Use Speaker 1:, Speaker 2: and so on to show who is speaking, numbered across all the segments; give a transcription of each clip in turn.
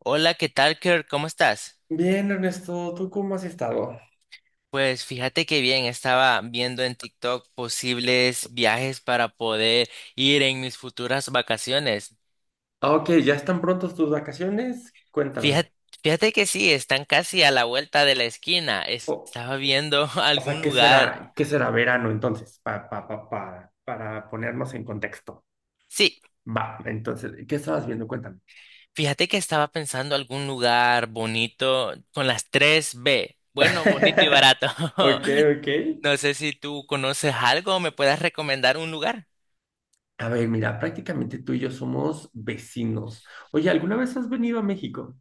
Speaker 1: Hola, ¿qué tal, Kirk? ¿Cómo estás?
Speaker 2: Bien, Ernesto, ¿tú cómo has estado?
Speaker 1: Pues fíjate que bien, estaba viendo en TikTok posibles viajes para poder ir en mis futuras vacaciones.
Speaker 2: Ah, Ok, ¿ya están prontos tus vacaciones? Cuéntame.
Speaker 1: Fíjate, fíjate que sí, están casi a la vuelta de la esquina.
Speaker 2: O,
Speaker 1: Estaba viendo
Speaker 2: o sea,
Speaker 1: algún lugar.
Speaker 2: qué será verano entonces? Para ponernos en contexto.
Speaker 1: Sí,
Speaker 2: Va, entonces, ¿qué estabas viendo? Cuéntame.
Speaker 1: fíjate que estaba pensando algún lugar bonito con las tres b. Bueno, bonito y barato.
Speaker 2: Ok, ok.
Speaker 1: No sé si tú conoces algo o me puedas recomendar un lugar.
Speaker 2: A ver, mira, prácticamente tú y yo somos vecinos. Oye, ¿alguna vez has venido a México?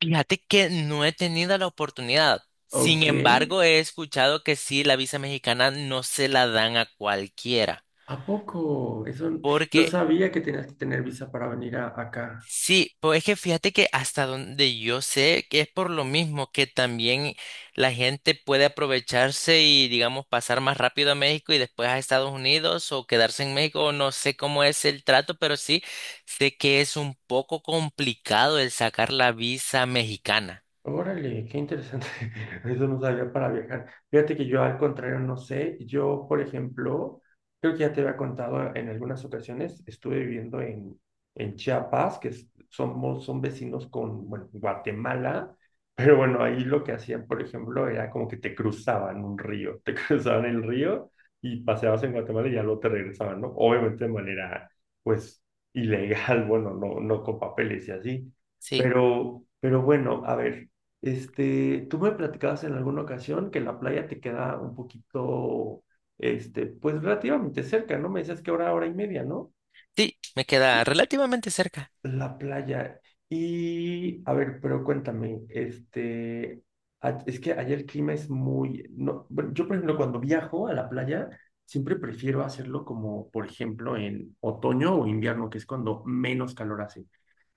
Speaker 1: Fíjate que no he tenido la oportunidad. Sin
Speaker 2: Ok,
Speaker 1: embargo, he escuchado que sí, la visa mexicana no se la dan a cualquiera.
Speaker 2: ¿a poco? No
Speaker 1: Porque
Speaker 2: sabía que tenías que tener visa para venir acá.
Speaker 1: sí, pues es que fíjate que hasta donde yo sé que es por lo mismo que también la gente puede aprovecharse y, digamos, pasar más rápido a México y después a Estados Unidos o quedarse en México. O No sé cómo es el trato, pero sí sé que es un poco complicado el sacar la visa mexicana.
Speaker 2: Órale, qué interesante. Eso no sabía para viajar. Fíjate que yo al contrario no sé. Yo, por ejemplo, creo que ya te había contado en algunas ocasiones, estuve viviendo en Chiapas, somos, son vecinos con, bueno, Guatemala, pero bueno, ahí lo que hacían, por ejemplo, era como que te cruzaban un río, te cruzaban el río y paseabas en Guatemala y ya luego te regresaban, ¿no? Obviamente de manera, pues, ilegal, bueno, no, no con papeles y así.
Speaker 1: Sí,
Speaker 2: Pero bueno, a ver. Tú me platicabas en alguna ocasión que la playa te queda un poquito, pues relativamente cerca, ¿no? Me decías que hora, hora y media, ¿no?
Speaker 1: sí, me queda relativamente cerca.
Speaker 2: La playa. Y, a ver, pero cuéntame, es que allá el clima es muy, no, bueno, yo por ejemplo cuando viajo a la playa, siempre prefiero hacerlo como, por ejemplo, en otoño o invierno, que es cuando menos calor hace.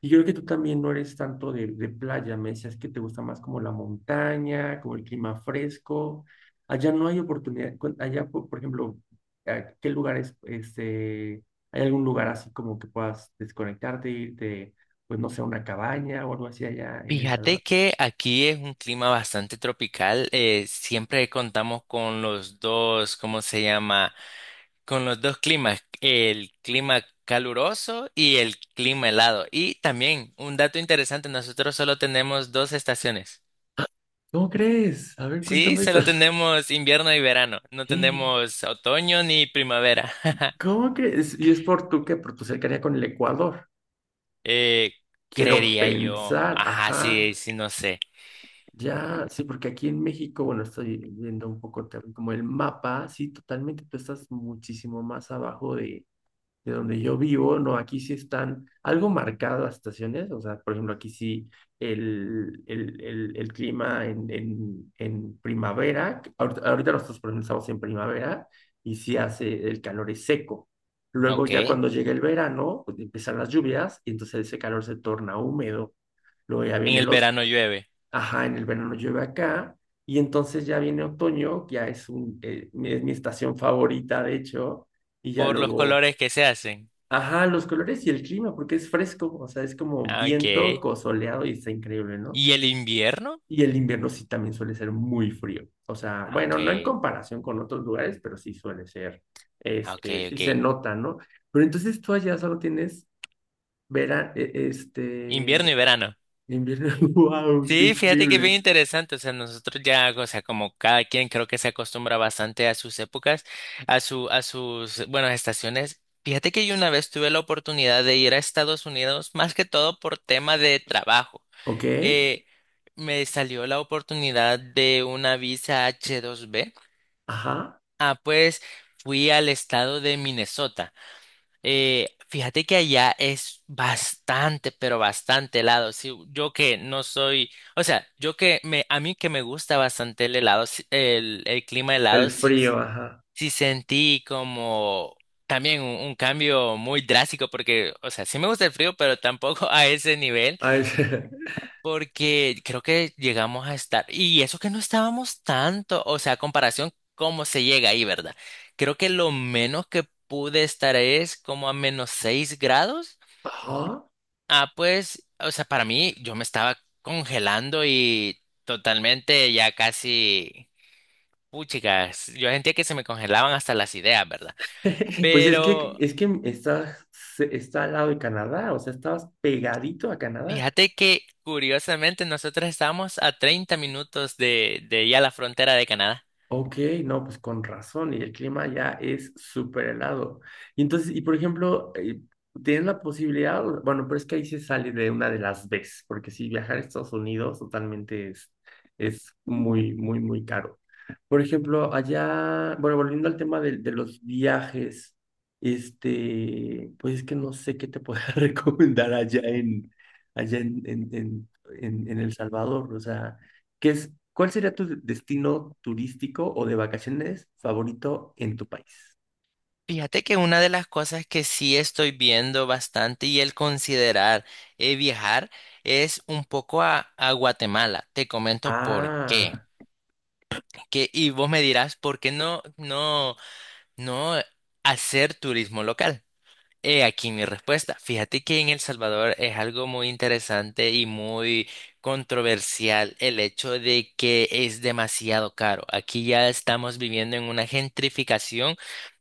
Speaker 2: Y yo creo que tú también no eres tanto de playa, me decías que te gusta más como la montaña, como el clima fresco. Allá no hay oportunidad, allá, por ejemplo, ¿a ¿qué lugares, ¿hay algún lugar así como que puedas desconectarte, irte, pues no sé, a una cabaña o algo así allá en El Salvador?
Speaker 1: Fíjate que aquí es un clima bastante tropical. Siempre contamos con los dos, ¿cómo se llama? Con los dos climas, el clima caluroso y el clima helado. Y también, un dato interesante, nosotros solo tenemos dos estaciones.
Speaker 2: ¿Cómo crees? A ver,
Speaker 1: Sí,
Speaker 2: cuéntame eso.
Speaker 1: solo tenemos invierno y verano. No tenemos otoño ni primavera.
Speaker 2: ¿Cómo crees? ¿Y es por tu qué? Por tu cercanía con el Ecuador.
Speaker 1: Eh,
Speaker 2: Quiero
Speaker 1: Creería yo.
Speaker 2: pensar,
Speaker 1: Ajá,
Speaker 2: ajá,
Speaker 1: sí, sí, no sé.
Speaker 2: ya, sí, porque aquí en México, bueno, estoy viendo un poco también como el mapa, sí, totalmente, tú estás muchísimo más abajo de donde yo vivo, no, aquí sí están algo marcadas las estaciones, o sea, por ejemplo, aquí sí el clima en primavera, ahorita nosotros por ejemplo, estamos en primavera y sí hace, el calor es seco. Luego
Speaker 1: Ok.
Speaker 2: ya
Speaker 1: En
Speaker 2: cuando llega el verano, pues empiezan las lluvias y entonces ese calor se torna húmedo. Luego ya viene
Speaker 1: el
Speaker 2: el otro,
Speaker 1: verano llueve.
Speaker 2: ajá, en el verano llueve acá y entonces ya viene otoño, que ya es, es mi estación favorita, de hecho, y ya
Speaker 1: Por los
Speaker 2: luego
Speaker 1: colores que se hacen.
Speaker 2: ajá, los colores y el clima, porque es fresco, o sea, es como
Speaker 1: Ah,
Speaker 2: viento
Speaker 1: okay.
Speaker 2: soleado y está increíble, ¿no?
Speaker 1: ¿Y el invierno?
Speaker 2: Y el invierno sí también suele ser muy frío, o sea,
Speaker 1: Ah,
Speaker 2: bueno, no en
Speaker 1: okay,
Speaker 2: comparación con otros lugares, pero sí suele ser,
Speaker 1: ah, okay,
Speaker 2: sí se
Speaker 1: okay.
Speaker 2: nota, ¿no? Pero entonces tú allá solo tienes verano,
Speaker 1: Invierno y verano.
Speaker 2: invierno, wow, qué
Speaker 1: Sí, fíjate que bien
Speaker 2: increíble.
Speaker 1: interesante. O sea, nosotros ya, o sea, como cada quien creo que se acostumbra bastante a sus épocas, a su, a sus, bueno, estaciones. Fíjate que yo una vez tuve la oportunidad de ir a Estados Unidos, más que todo por tema de trabajo.
Speaker 2: ¿Ok?
Speaker 1: Eh, Me salió la oportunidad de una visa H2B.
Speaker 2: Ajá,
Speaker 1: Ah, pues fui al estado de Minnesota. Fíjate que allá es bastante, pero bastante helado. Sí, yo que no soy, o sea, yo que a mí que me gusta bastante el helado, el clima
Speaker 2: el
Speaker 1: helado, sí,
Speaker 2: frío, ajá.
Speaker 1: sí sentí como también un cambio muy drástico, porque, o sea, sí me gusta el frío, pero tampoco a ese nivel.
Speaker 2: Ah, el-
Speaker 1: Porque creo que llegamos a estar, y eso que no estábamos tanto, o sea, a comparación, cómo se llega ahí, ¿verdad? Creo que lo menos que pude estar es como a -6 grados.
Speaker 2: Ajá.
Speaker 1: Ah, pues, o sea, para mí yo me estaba congelando y totalmente ya casi, puchicas, yo sentía que se me congelaban hasta las ideas, ¿verdad?
Speaker 2: Pues
Speaker 1: Pero
Speaker 2: es que estás, está al lado de Canadá, o sea, estabas pegadito a Canadá.
Speaker 1: fíjate que curiosamente nosotros estábamos a 30 minutos de ya la frontera de Canadá.
Speaker 2: Ok, no, pues con razón, y el clima ya es súper helado. Y entonces, y por ejemplo, ¿tienes la posibilidad? Bueno, pero es que ahí se sale de una de las veces porque si viajar a Estados Unidos totalmente es muy, muy, muy caro. Por ejemplo, allá, bueno, volviendo al tema de los viajes, pues es que no sé qué te pueda recomendar allá en El Salvador, o sea. ¿Qué es, cuál sería tu destino turístico o de vacaciones favorito en tu país?
Speaker 1: Fíjate que una de las cosas que sí estoy viendo bastante y el considerar viajar es un poco a Guatemala. Te comento por qué.
Speaker 2: Ah,
Speaker 1: Que, y vos me dirás, ¿por qué no hacer turismo local? He aquí mi respuesta. Fíjate que en El Salvador es algo muy interesante y muy controversial el hecho de que es demasiado caro. Aquí ya estamos viviendo en una gentrificación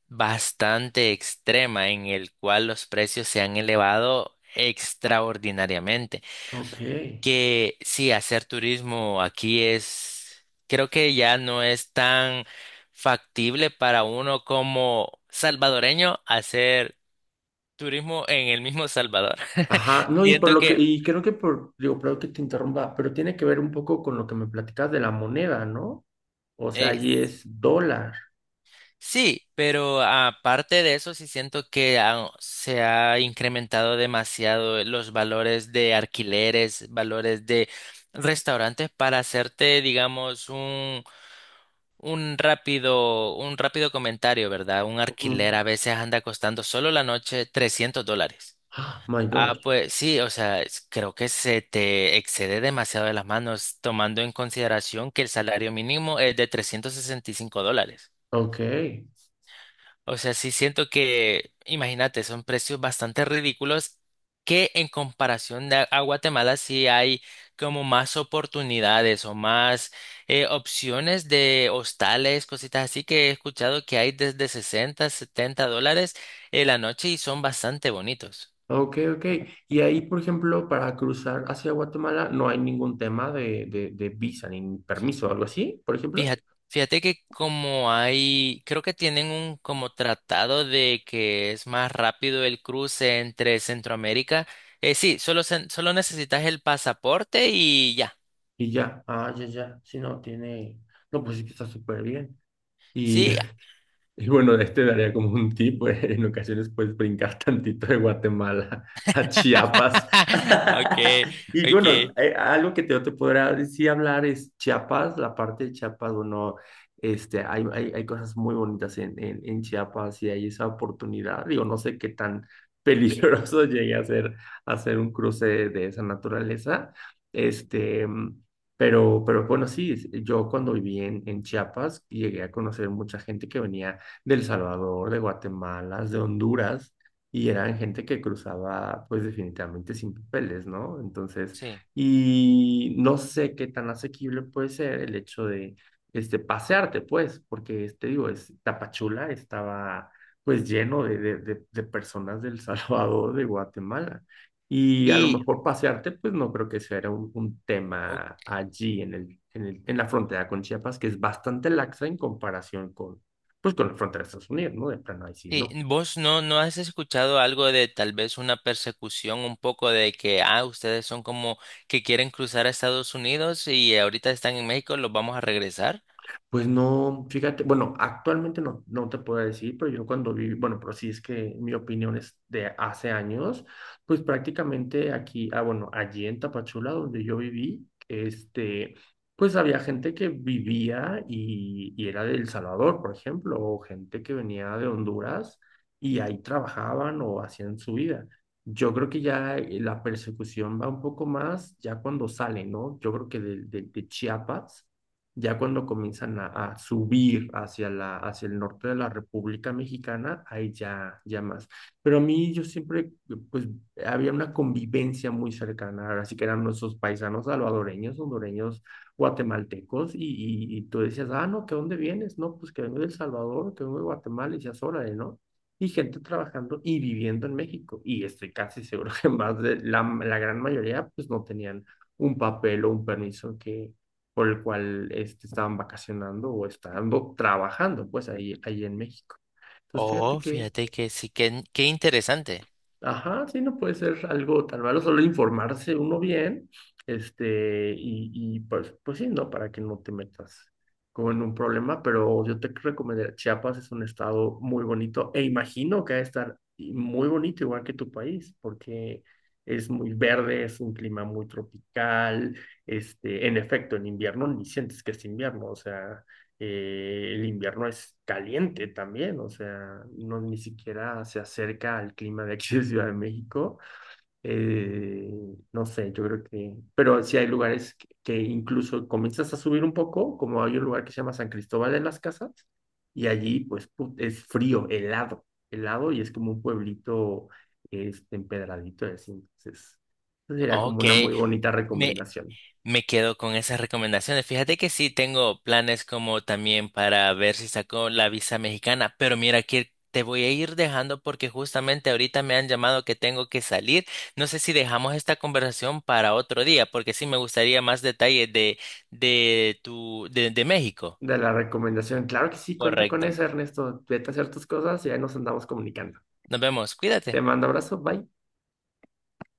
Speaker 1: bastante extrema en el cual los precios se han elevado extraordinariamente.
Speaker 2: ok.
Speaker 1: Que sí, hacer turismo aquí es, creo que ya no es tan factible para uno como salvadoreño hacer turismo en el mismo Salvador.
Speaker 2: Ajá, no, y por
Speaker 1: Siento
Speaker 2: lo que,
Speaker 1: que
Speaker 2: y creo que por, digo, perdón que te interrumpa, pero tiene que ver un poco con lo que me platicas de la moneda, ¿no? O sea,
Speaker 1: eh,
Speaker 2: allí es dólar.
Speaker 1: sí, pero aparte de eso, sí siento que se ha incrementado demasiado los valores de alquileres, valores de restaurantes para hacerte, digamos, un rápido comentario, ¿verdad? Un alquiler
Speaker 2: Ujú.
Speaker 1: a veces anda costando solo la noche $300.
Speaker 2: Ah, my
Speaker 1: Ah,
Speaker 2: God.
Speaker 1: pues sí, o sea, creo que se te excede demasiado de las manos tomando en consideración que el salario mínimo es de $365.
Speaker 2: Ok,
Speaker 1: O sea, sí siento que, imagínate, son precios bastante ridículos que en comparación de a Guatemala sí hay como más oportunidades o más opciones de hostales, cositas así que he escuchado que hay desde $60, $70 en la noche y son bastante bonitos.
Speaker 2: ok, ok. Y ahí, por ejemplo, para cruzar hacia Guatemala no hay ningún tema de visa ni permiso o algo así, por ejemplo.
Speaker 1: Fíjate, fíjate que como hay, creo que tienen un como tratado de que es más rápido el cruce entre Centroamérica. Sí, solo, solo necesitas el pasaporte y ya.
Speaker 2: Y ya, ah, ya, ya, si no tiene, no, pues sí que está súper bien. Y
Speaker 1: Sí.
Speaker 2: Y bueno, daría como un tip, pues, en ocasiones puedes brincar tantito de Guatemala a Chiapas.
Speaker 1: Okay,
Speaker 2: Y bueno,
Speaker 1: okay.
Speaker 2: yo te podrá decir hablar es Chiapas, la parte de Chiapas, bueno, hay cosas muy bonitas en Chiapas y hay esa oportunidad. Digo, no sé qué tan peligroso llegue a ser hacer un cruce de esa naturaleza. Este, pero bueno, sí, yo cuando viví en Chiapas llegué a conocer mucha gente que venía de El Salvador, de Guatemala, de Honduras, y eran gente que cruzaba pues definitivamente sin papeles, ¿no? Entonces,
Speaker 1: Sí.
Speaker 2: y no sé qué tan asequible puede ser el hecho de pasearte, pues, porque, digo, es, Tapachula estaba pues lleno de personas del Salvador, de Guatemala. Y a lo
Speaker 1: Y
Speaker 2: mejor pasearte, pues no creo que sea un
Speaker 1: ok,
Speaker 2: tema allí en la frontera con Chiapas, que es bastante laxa en comparación con, pues con la frontera de Estados Unidos, ¿no? De plano, ahí sí,
Speaker 1: sí,
Speaker 2: no.
Speaker 1: vos no, no has escuchado algo de tal vez una persecución un poco de que ah, ustedes son como que quieren cruzar a Estados Unidos y ahorita están en México, los vamos a regresar.
Speaker 2: Pues no, fíjate, bueno, actualmente no, no te puedo decir, pero yo cuando viví, bueno, pero sí es que mi opinión es de hace años, pues prácticamente aquí, ah, bueno, allí en Tapachula, donde yo viví, pues había gente que vivía y era de El Salvador, por ejemplo, o gente que venía de Honduras y ahí trabajaban o hacían su vida. Yo creo que ya la persecución va un poco más ya cuando sale, ¿no? Yo creo que de Chiapas ya cuando comienzan a subir hacia la, hacia el norte de la República Mexicana, ahí ya, ya más. Pero a mí yo siempre, pues, había una convivencia muy cercana, así que eran nuestros paisanos salvadoreños, hondureños, guatemaltecos, y tú decías, ah, no, ¿que dónde vienes? No, pues que vengo de El Salvador, que vengo de Guatemala, y decías, órale, ¿no? Y gente trabajando y viviendo en México. Y estoy casi seguro que más de la, la gran mayoría, pues, no tenían un papel o un permiso que por el cual estaban vacacionando o estando trabajando, pues ahí, ahí en México. Entonces,
Speaker 1: Oh,
Speaker 2: fíjate que,
Speaker 1: fíjate que sí, que qué interesante.
Speaker 2: ajá, sí, no puede ser algo tan malo, solo informarse uno bien, y pues, pues sí, ¿no? Para que no te metas como en un problema, pero yo te recomendaría, Chiapas es un estado muy bonito e imagino que va a estar y muy bonito igual que tu país, porque es muy verde, es un clima muy tropical, en efecto, en invierno ni sientes que es invierno, o sea, el invierno es caliente también, o sea, no ni siquiera se acerca al clima de aquí de Ciudad de México. Eh, no sé, yo creo que, pero sí hay lugares que incluso comienzas a subir un poco, como hay un lugar que se llama San Cristóbal de las Casas, y allí es frío, helado, helado, y es como un pueblito empedradito, y así. Entonces, sería como
Speaker 1: Ok,
Speaker 2: una muy bonita
Speaker 1: me,
Speaker 2: recomendación.
Speaker 1: me quedo con esas recomendaciones. Fíjate que sí, tengo planes como también para ver si saco la visa mexicana, pero mira que te voy a ir dejando porque justamente ahorita me han llamado que tengo que salir. No sé si dejamos esta conversación para otro día, porque sí me gustaría más detalles de México.
Speaker 2: De la recomendación. Claro que sí, cuenta con
Speaker 1: Correcto.
Speaker 2: eso, Ernesto. Vete a hacer tus cosas y ahí nos andamos comunicando.
Speaker 1: Nos vemos,
Speaker 2: Te
Speaker 1: cuídate.
Speaker 2: mando abrazo, bye.